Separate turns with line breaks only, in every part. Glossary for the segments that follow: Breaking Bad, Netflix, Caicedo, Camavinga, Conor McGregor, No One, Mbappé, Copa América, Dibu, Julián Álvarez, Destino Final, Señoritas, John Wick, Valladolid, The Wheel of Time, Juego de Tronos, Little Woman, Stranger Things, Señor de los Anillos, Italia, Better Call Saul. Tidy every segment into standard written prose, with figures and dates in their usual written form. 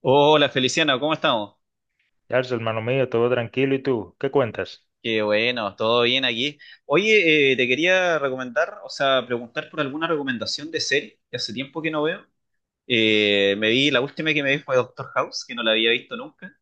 Hola Feliciano, ¿cómo estamos?
Yarzo, hermano mío, todo tranquilo. ¿Y tú? ¿Qué cuentas?
Qué bueno, todo bien aquí. Oye, te quería recomendar, o sea, preguntar por alguna recomendación de serie, que hace tiempo que no veo. Me vi, la última que me vi fue Doctor House, que no la había visto nunca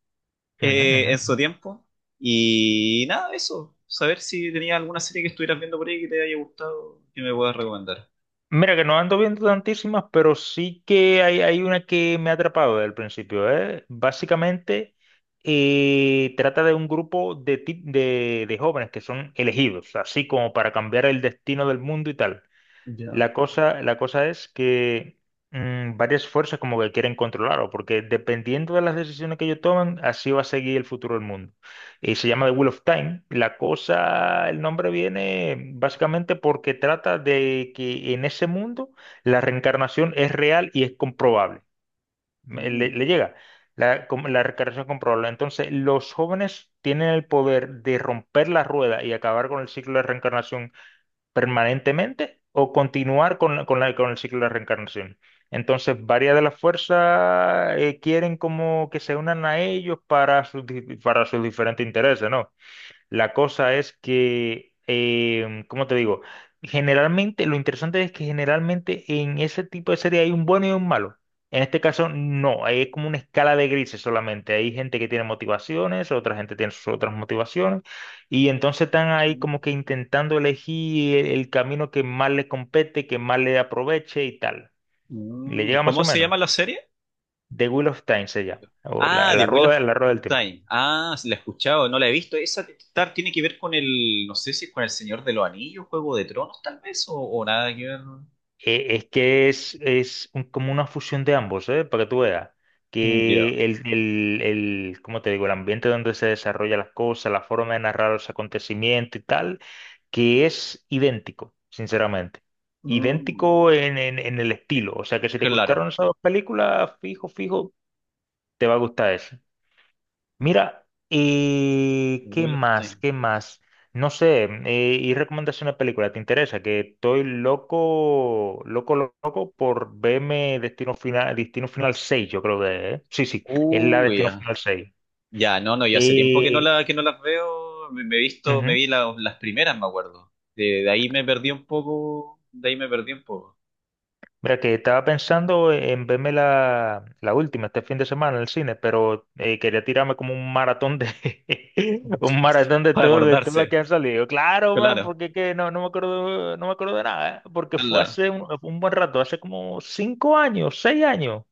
Ujú, ujú.
en su
Ujú.
tiempo. Y nada, eso, saber si tenías alguna serie que estuvieras viendo por ahí que te haya gustado, que me puedas recomendar.
Mira que no ando viendo tantísimas, pero sí que hay una que me ha atrapado desde el principio, ¿eh? Básicamente trata de un grupo de jóvenes que son elegidos, así como para cambiar el destino del mundo y tal.
Ya.
La cosa es que varias fuerzas como que quieren controlarlo, porque dependiendo de las decisiones que ellos toman, así va a seguir el futuro del mundo. Y se llama The Wheel of Time. La cosa, el nombre viene básicamente porque trata de que en ese mundo la reencarnación es real y es comprobable. Me- Le,
Mm,
le llega la reencarnación comprobable. Entonces, los jóvenes tienen el poder de romper la rueda y acabar con el ciclo de reencarnación permanentemente o continuar con el ciclo de la reencarnación. Entonces, varias de las fuerzas quieren como que se unan a ellos para sus diferentes intereses, ¿no? La cosa es que, ¿cómo te digo? Generalmente, lo interesante es que generalmente en ese tipo de serie hay un bueno y un malo. En este caso, no, ahí es como una escala de grises solamente. Hay gente que tiene motivaciones, otra gente tiene sus otras motivaciones, y entonces están ahí como
mm,
que intentando elegir el camino que más le compete, que más le aproveche y tal. Le
mm.
llega más
¿Cómo
o
se
menos.
llama la serie?
The Wheel of Time se llama, o la,
Ah, The
la
Wheel of
rueda, la rueda del tiempo.
Time. Ah, sí, la he escuchado, no la he visto. Esa tiene que ver con el, no sé si es con el Señor de los Anillos, Juego de Tronos, tal vez, o nada que ver.
Es que es como una fusión de ambos, ¿eh? Para que tú veas.
Ya.
Que el, ¿cómo te digo? El ambiente donde se desarrollan las cosas, la forma de narrar los acontecimientos y tal, que es idéntico, sinceramente.
Mm,
Idéntico en el estilo. O sea que si te gustaron
claro.
esas dos películas, fijo, fijo, te va a gustar esa. Mira, ¿y qué
Wheel of
más?
Time.
¿Qué más? No sé, ¿y recomendación de película? ¿Te interesa? Que estoy loco, loco, loco por verme Destino Final, Destino Final 6, yo creo que es, ¿eh? Sí, sí, es la
Uy,
Destino
ya.
Final 6.
Ya, no, no, ya hace tiempo que no
Eh,
la, que no las veo. Me he visto, me
Ujú.
vi las primeras, me acuerdo. De ahí me perdí un poco, de ahí me perdí un poco.
Mira, que estaba pensando en verme la última este fin de semana en el cine, pero quería tirarme como un maratón de un maratón de
Para
todo, de todas las que
acordarse.
han salido. Claro, man,
Claro,
porque es que no me acuerdo de nada, ¿eh? Porque fue
claro,
hace un buen rato, hace como 5 años, 6 años,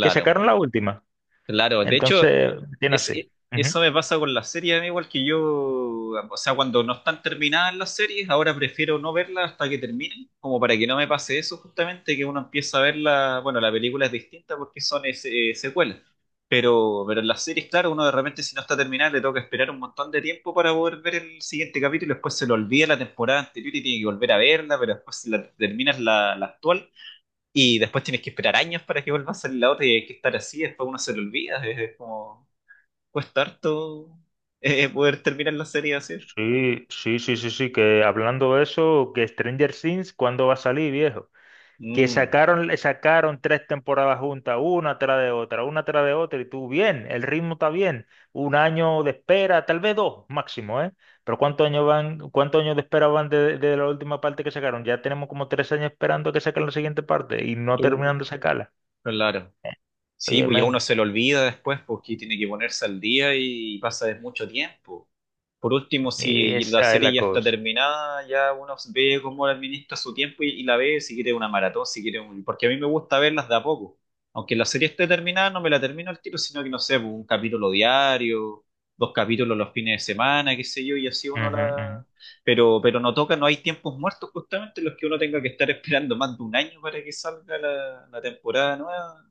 que sacaron la última.
Claro, de hecho,
Entonces, tiene
Es,
así.
e-
Ujú.
eso me pasa con las series, a igual que yo, o sea, cuando no están terminadas las series, ahora prefiero no verlas hasta que terminen, como para que no me pase eso justamente, que uno empieza a verla, bueno, la película es distinta porque son secuelas, pero en las series, claro, uno de repente si no está terminada le toca esperar un montón de tiempo para poder ver el siguiente capítulo, después se lo olvida la temporada anterior y tiene que volver a verla, pero después si terminas la actual y después tienes que esperar años para que vuelva a salir la otra y hay que estar así, después uno se lo olvida, es como... Cuesta harto poder terminar la serie así.
Sí, sí, sí, sí, sí, que hablando de eso, que Stranger Things, ¿cuándo va a salir, viejo? Que
Mm,
sacaron tres temporadas juntas, una tras de otra, una tras de otra, y tú bien, el ritmo está bien, un año de espera, tal vez dos máximo, ¿eh? Pero ¿cuántos años de espera van de la última parte que sacaron? Ya tenemos como 3 años esperando que saquen la siguiente parte y no
uh,
terminan de sacarla.
claro. Sí,
Oye,
pues ya uno
men,
se lo olvida después porque tiene que ponerse al día y pasa de mucho tiempo. Por último, si la
esa es
serie
la
ya está
cosa.
terminada, ya uno ve cómo administra su tiempo y la ve si quiere una maratón, si quiere un... Porque a mí me gusta verlas de a poco. Aunque la serie esté terminada, no me la termino al tiro, sino que no sé, pues, un capítulo diario, dos capítulos los fines de semana, qué sé yo, y así uno
Ujú, ujú.
la... pero no toca, no hay tiempos muertos justamente en los que uno tenga que estar esperando más de un año para que salga la temporada nueva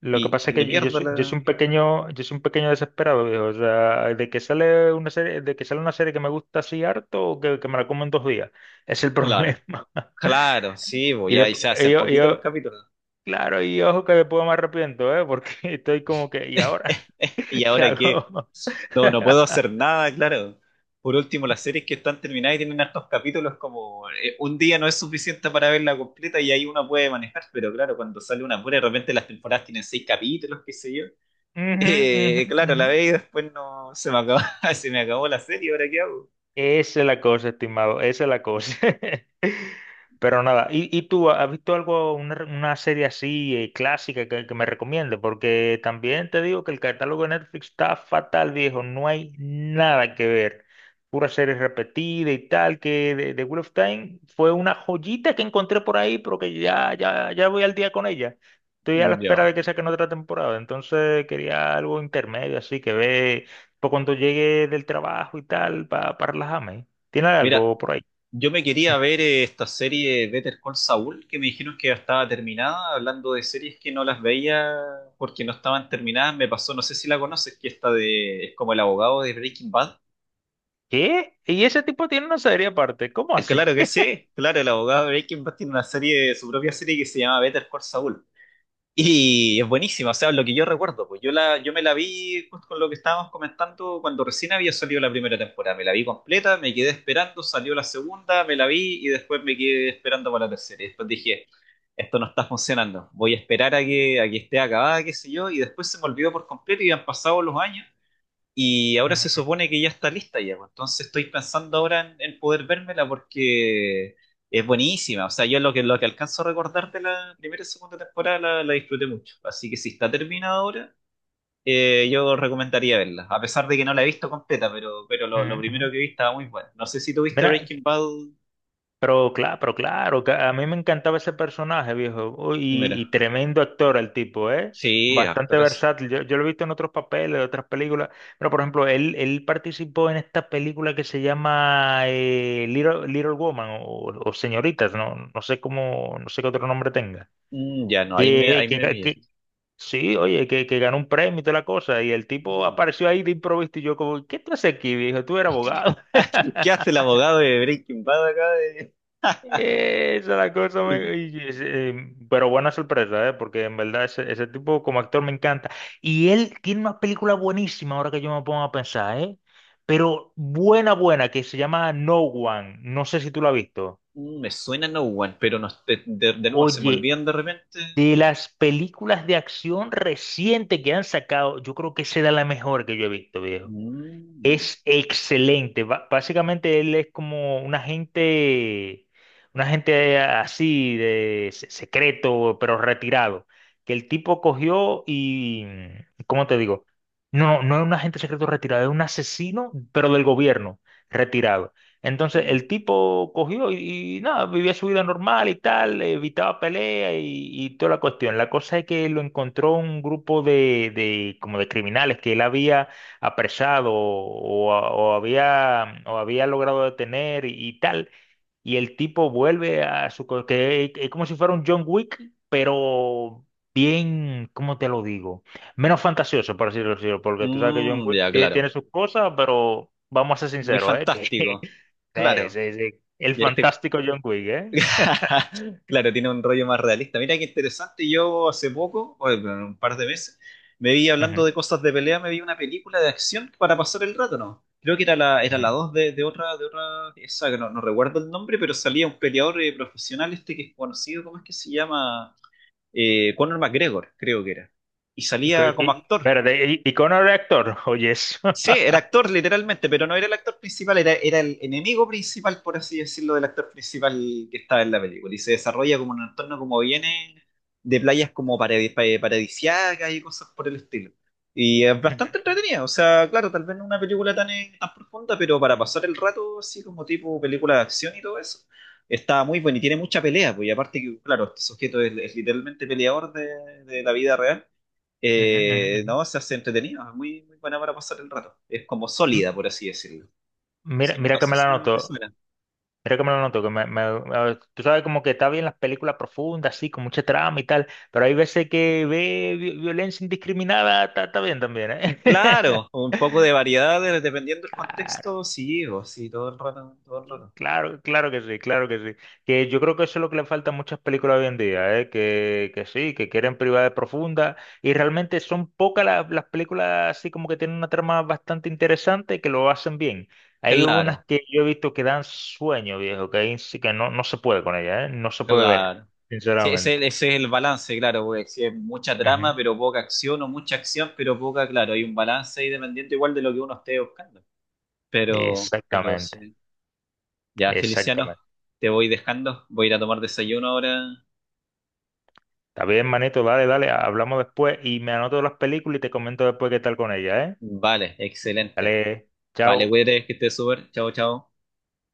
Lo que
y
pasa
se
es
le
que yo,
pierda
soy, yo soy
la...
un pequeño, yo soy un pequeño desesperado, viejo. O sea, de que sale una serie que me gusta así harto o que me la como en 2 días. Es el
Claro,
problema.
claro, sí, pues
Y,
ya y
de-
se
y
hacen
yo, y
poquitos los
yo-
capítulos.
claro, y ojo que después me arrepiento, ¿eh? Porque estoy como que, ¿y ahora
¿Y
qué
ahora qué?
hago?
No, no puedo hacer nada, claro. Por último, las series que están terminadas y tienen hartos capítulos, como un día no es suficiente para verla completa y ahí uno puede manejar, pero claro, cuando sale una pura, de repente las temporadas tienen seis capítulos, qué sé yo.
Ujú, ujú,
Claro,
ujú.
la ve y después no se me acabó, se me acabó la serie, ¿ahora qué hago?
Esa es la cosa, estimado, esa es la cosa. Pero nada, ¿y tú has visto algo, una serie así clásica que me recomiende? Porque también te digo que el catálogo de Netflix está fatal, viejo, no hay nada que ver. Pura serie repetida y tal, que de Wheel of Time fue una joyita que encontré por ahí, pero que ya, ya, ya voy al día con ella. Estoy a la espera
Yo.
de que saquen otra temporada, entonces quería algo intermedio, así que ve. Para cuando llegue del trabajo y tal, para relajarme. ¿Tiene
Mira,
algo por ahí?
yo me
Ujú.
quería ver esta serie Better Call Saul, que me dijeron que ya estaba terminada, hablando de series que no las veía porque no estaban terminadas, me pasó, no sé si la conoces, que esta de, es como el abogado de Breaking Bad.
¿Qué? ¿Y ese tipo tiene una serie aparte? ¿Cómo así?
Claro que sí, claro, el abogado de Breaking Bad tiene una serie, su propia serie que se llama Better Call Saul. Y es buenísima, o sea, lo que yo recuerdo, pues yo me la vi justo con lo que estábamos comentando cuando recién había salido la primera temporada. Me la vi completa, me quedé esperando, salió la segunda, me la vi y después me quedé esperando para la tercera. Y después dije, esto no está funcionando, voy a esperar a a que esté acabada, qué sé yo, y después se me olvidó por completo y han pasado los años y ahora se
Ujú,
supone que ya está lista ya, pues. Entonces estoy pensando ahora en poder vérmela porque es buenísima. O sea, yo lo que alcanzo a recordar de la primera y segunda temporada la disfruté mucho. Así que si está terminada ahora, yo recomendaría verla. A pesar de que no la he visto completa, pero lo
ujú, ujú.
primero que vi estaba muy bueno. No sé si tuviste
Mira,
Breaking Bad.
pero claro, que a mí me encantaba ese personaje, viejo. Uy, y
Mira.
tremendo actor el tipo, ¿eh?
Sí,
Bastante
actorazo.
versátil. Yo lo he visto en otros papeles, en otras películas. Pero, por ejemplo, él participó en esta película que se llama Little Woman o Señoritas, ¿no? No sé cómo, no sé qué otro nombre tenga.
Mm, ya no,
Que,
ahí me
que, que-
pillaste.
Sí, oye, que ganó un premio y toda la cosa. Y el tipo
Mm.
apareció ahí de improviso y yo como, ¿qué tú haces aquí, viejo? Tú eres abogado.
¿Qué hace el abogado de Breaking Bad acá? De...
Esa es la cosa. me- y- y- eh, pero buena sorpresa, ¿eh? Porque en verdad ese tipo como actor me encanta. Y él tiene una película buenísima ahora que yo me pongo a pensar, ¿eh? Pero buena, buena, que se llama No One. No sé si tú la has visto.
Mm, me suena No One, pero no, de nuevo se me
Oye,
olvidan de repente.
de las películas de acción reciente que han sacado, yo creo que será la mejor que yo he visto, viejo.
Mm,
Es excelente. Básicamente él es como un agente, así de secreto, pero retirado. Que el tipo cogió y, ¿cómo te digo? No, no es un agente secreto retirado, es un asesino, pero del gobierno retirado. Entonces
mm,
el tipo cogió y nada, vivía su vida normal y tal, evitaba pelea y toda la cuestión. La cosa es que lo encontró un grupo de como de criminales que él había apresado o había logrado detener y tal. Y el tipo vuelve que es como si fuera un John Wick, pero bien, ¿cómo te lo digo? Menos fantasioso, por decirlo así, porque tú sabes que John
mm,
Wick
ya,
tie-
claro.
tiene sus cosas, pero vamos a ser
Muy
sinceros, ¿eh? Que,
fantástico.
sí,
Claro.
sí, sí. El
Y este,
fantástico John Wick, ¿eh?
claro, tiene un rollo más realista. Mira qué interesante. Yo hace poco, o en un par de meses, me vi hablando
Ujú,
de cosas de pelea, me vi una película de acción para pasar el rato, ¿no? Creo que era era la
ujú.
2 de otra, esa que no, no recuerdo el nombre, pero salía un peleador profesional este que es conocido, ¿cómo es que se llama? Conor McGregor, creo que era. Y
Ok,
salía
ok.
como actor.
Espérate, ¿y Connor era actor? Oye, eso.
Sí, era actor literalmente, pero no era el actor principal, era el enemigo principal, por así decirlo, del actor principal que estaba en la película. Y se desarrolla como en un entorno como viene de playas como paradisiacas y cosas por el estilo. Y es bastante
Ujú,
entretenida, o sea, claro, tal vez no una película tan profunda, pero para pasar el rato así como tipo película de acción y todo eso, está muy bueno y tiene mucha pelea, pues y aparte que, claro, este sujeto es literalmente peleador de la vida real.
ujú, ujú, ujú.
No, se hace entretenido, es muy, muy buena para pasar el rato. Es como sólida,
M-
por así decirlo.
Mira,
Sí,
mira
no
que
sé
me la
si te
anoto.
suena.
Creo que me lo noto, que me- a- tú sabes como que está bien las películas profundas, así, con mucha trama y tal, pero hay veces que violencia indiscriminada, está bien también, ¿eh?
Claro, un poco de variedad dependiendo del contexto, sí, o sí, todo el rato, todo el rato.
Claro, claro que sí, claro que sí. Que yo creo que eso es lo que le falta a muchas películas hoy en día, ¿eh? Que sí, que quieren privacidad profunda y realmente son pocas las películas así como que tienen una trama bastante interesante que lo hacen bien. Hay
Claro,
unas que yo he visto que dan sueño, viejo, que, ahí sí que no se puede con ellas, ¿eh? No se puede ver,
claro. Sí, ese,
sinceramente.
ese es el balance, claro, porque si es mucha trama,
Ujú.
pero poca acción, o mucha acción, pero poca, claro, hay un balance ahí dependiendo igual de lo que uno esté buscando. Pero
Exactamente,
sí. Ya, Feliciano,
exactamente.
te voy dejando, voy a ir a tomar desayuno ahora.
Está bien, manito, dale, dale, hablamos después y me anoto las películas y te comento después qué tal con ellas, ¿eh?
Vale, excelente.
Dale,
Vale,
chao.
cuídate, que estés súper. Chao, chao.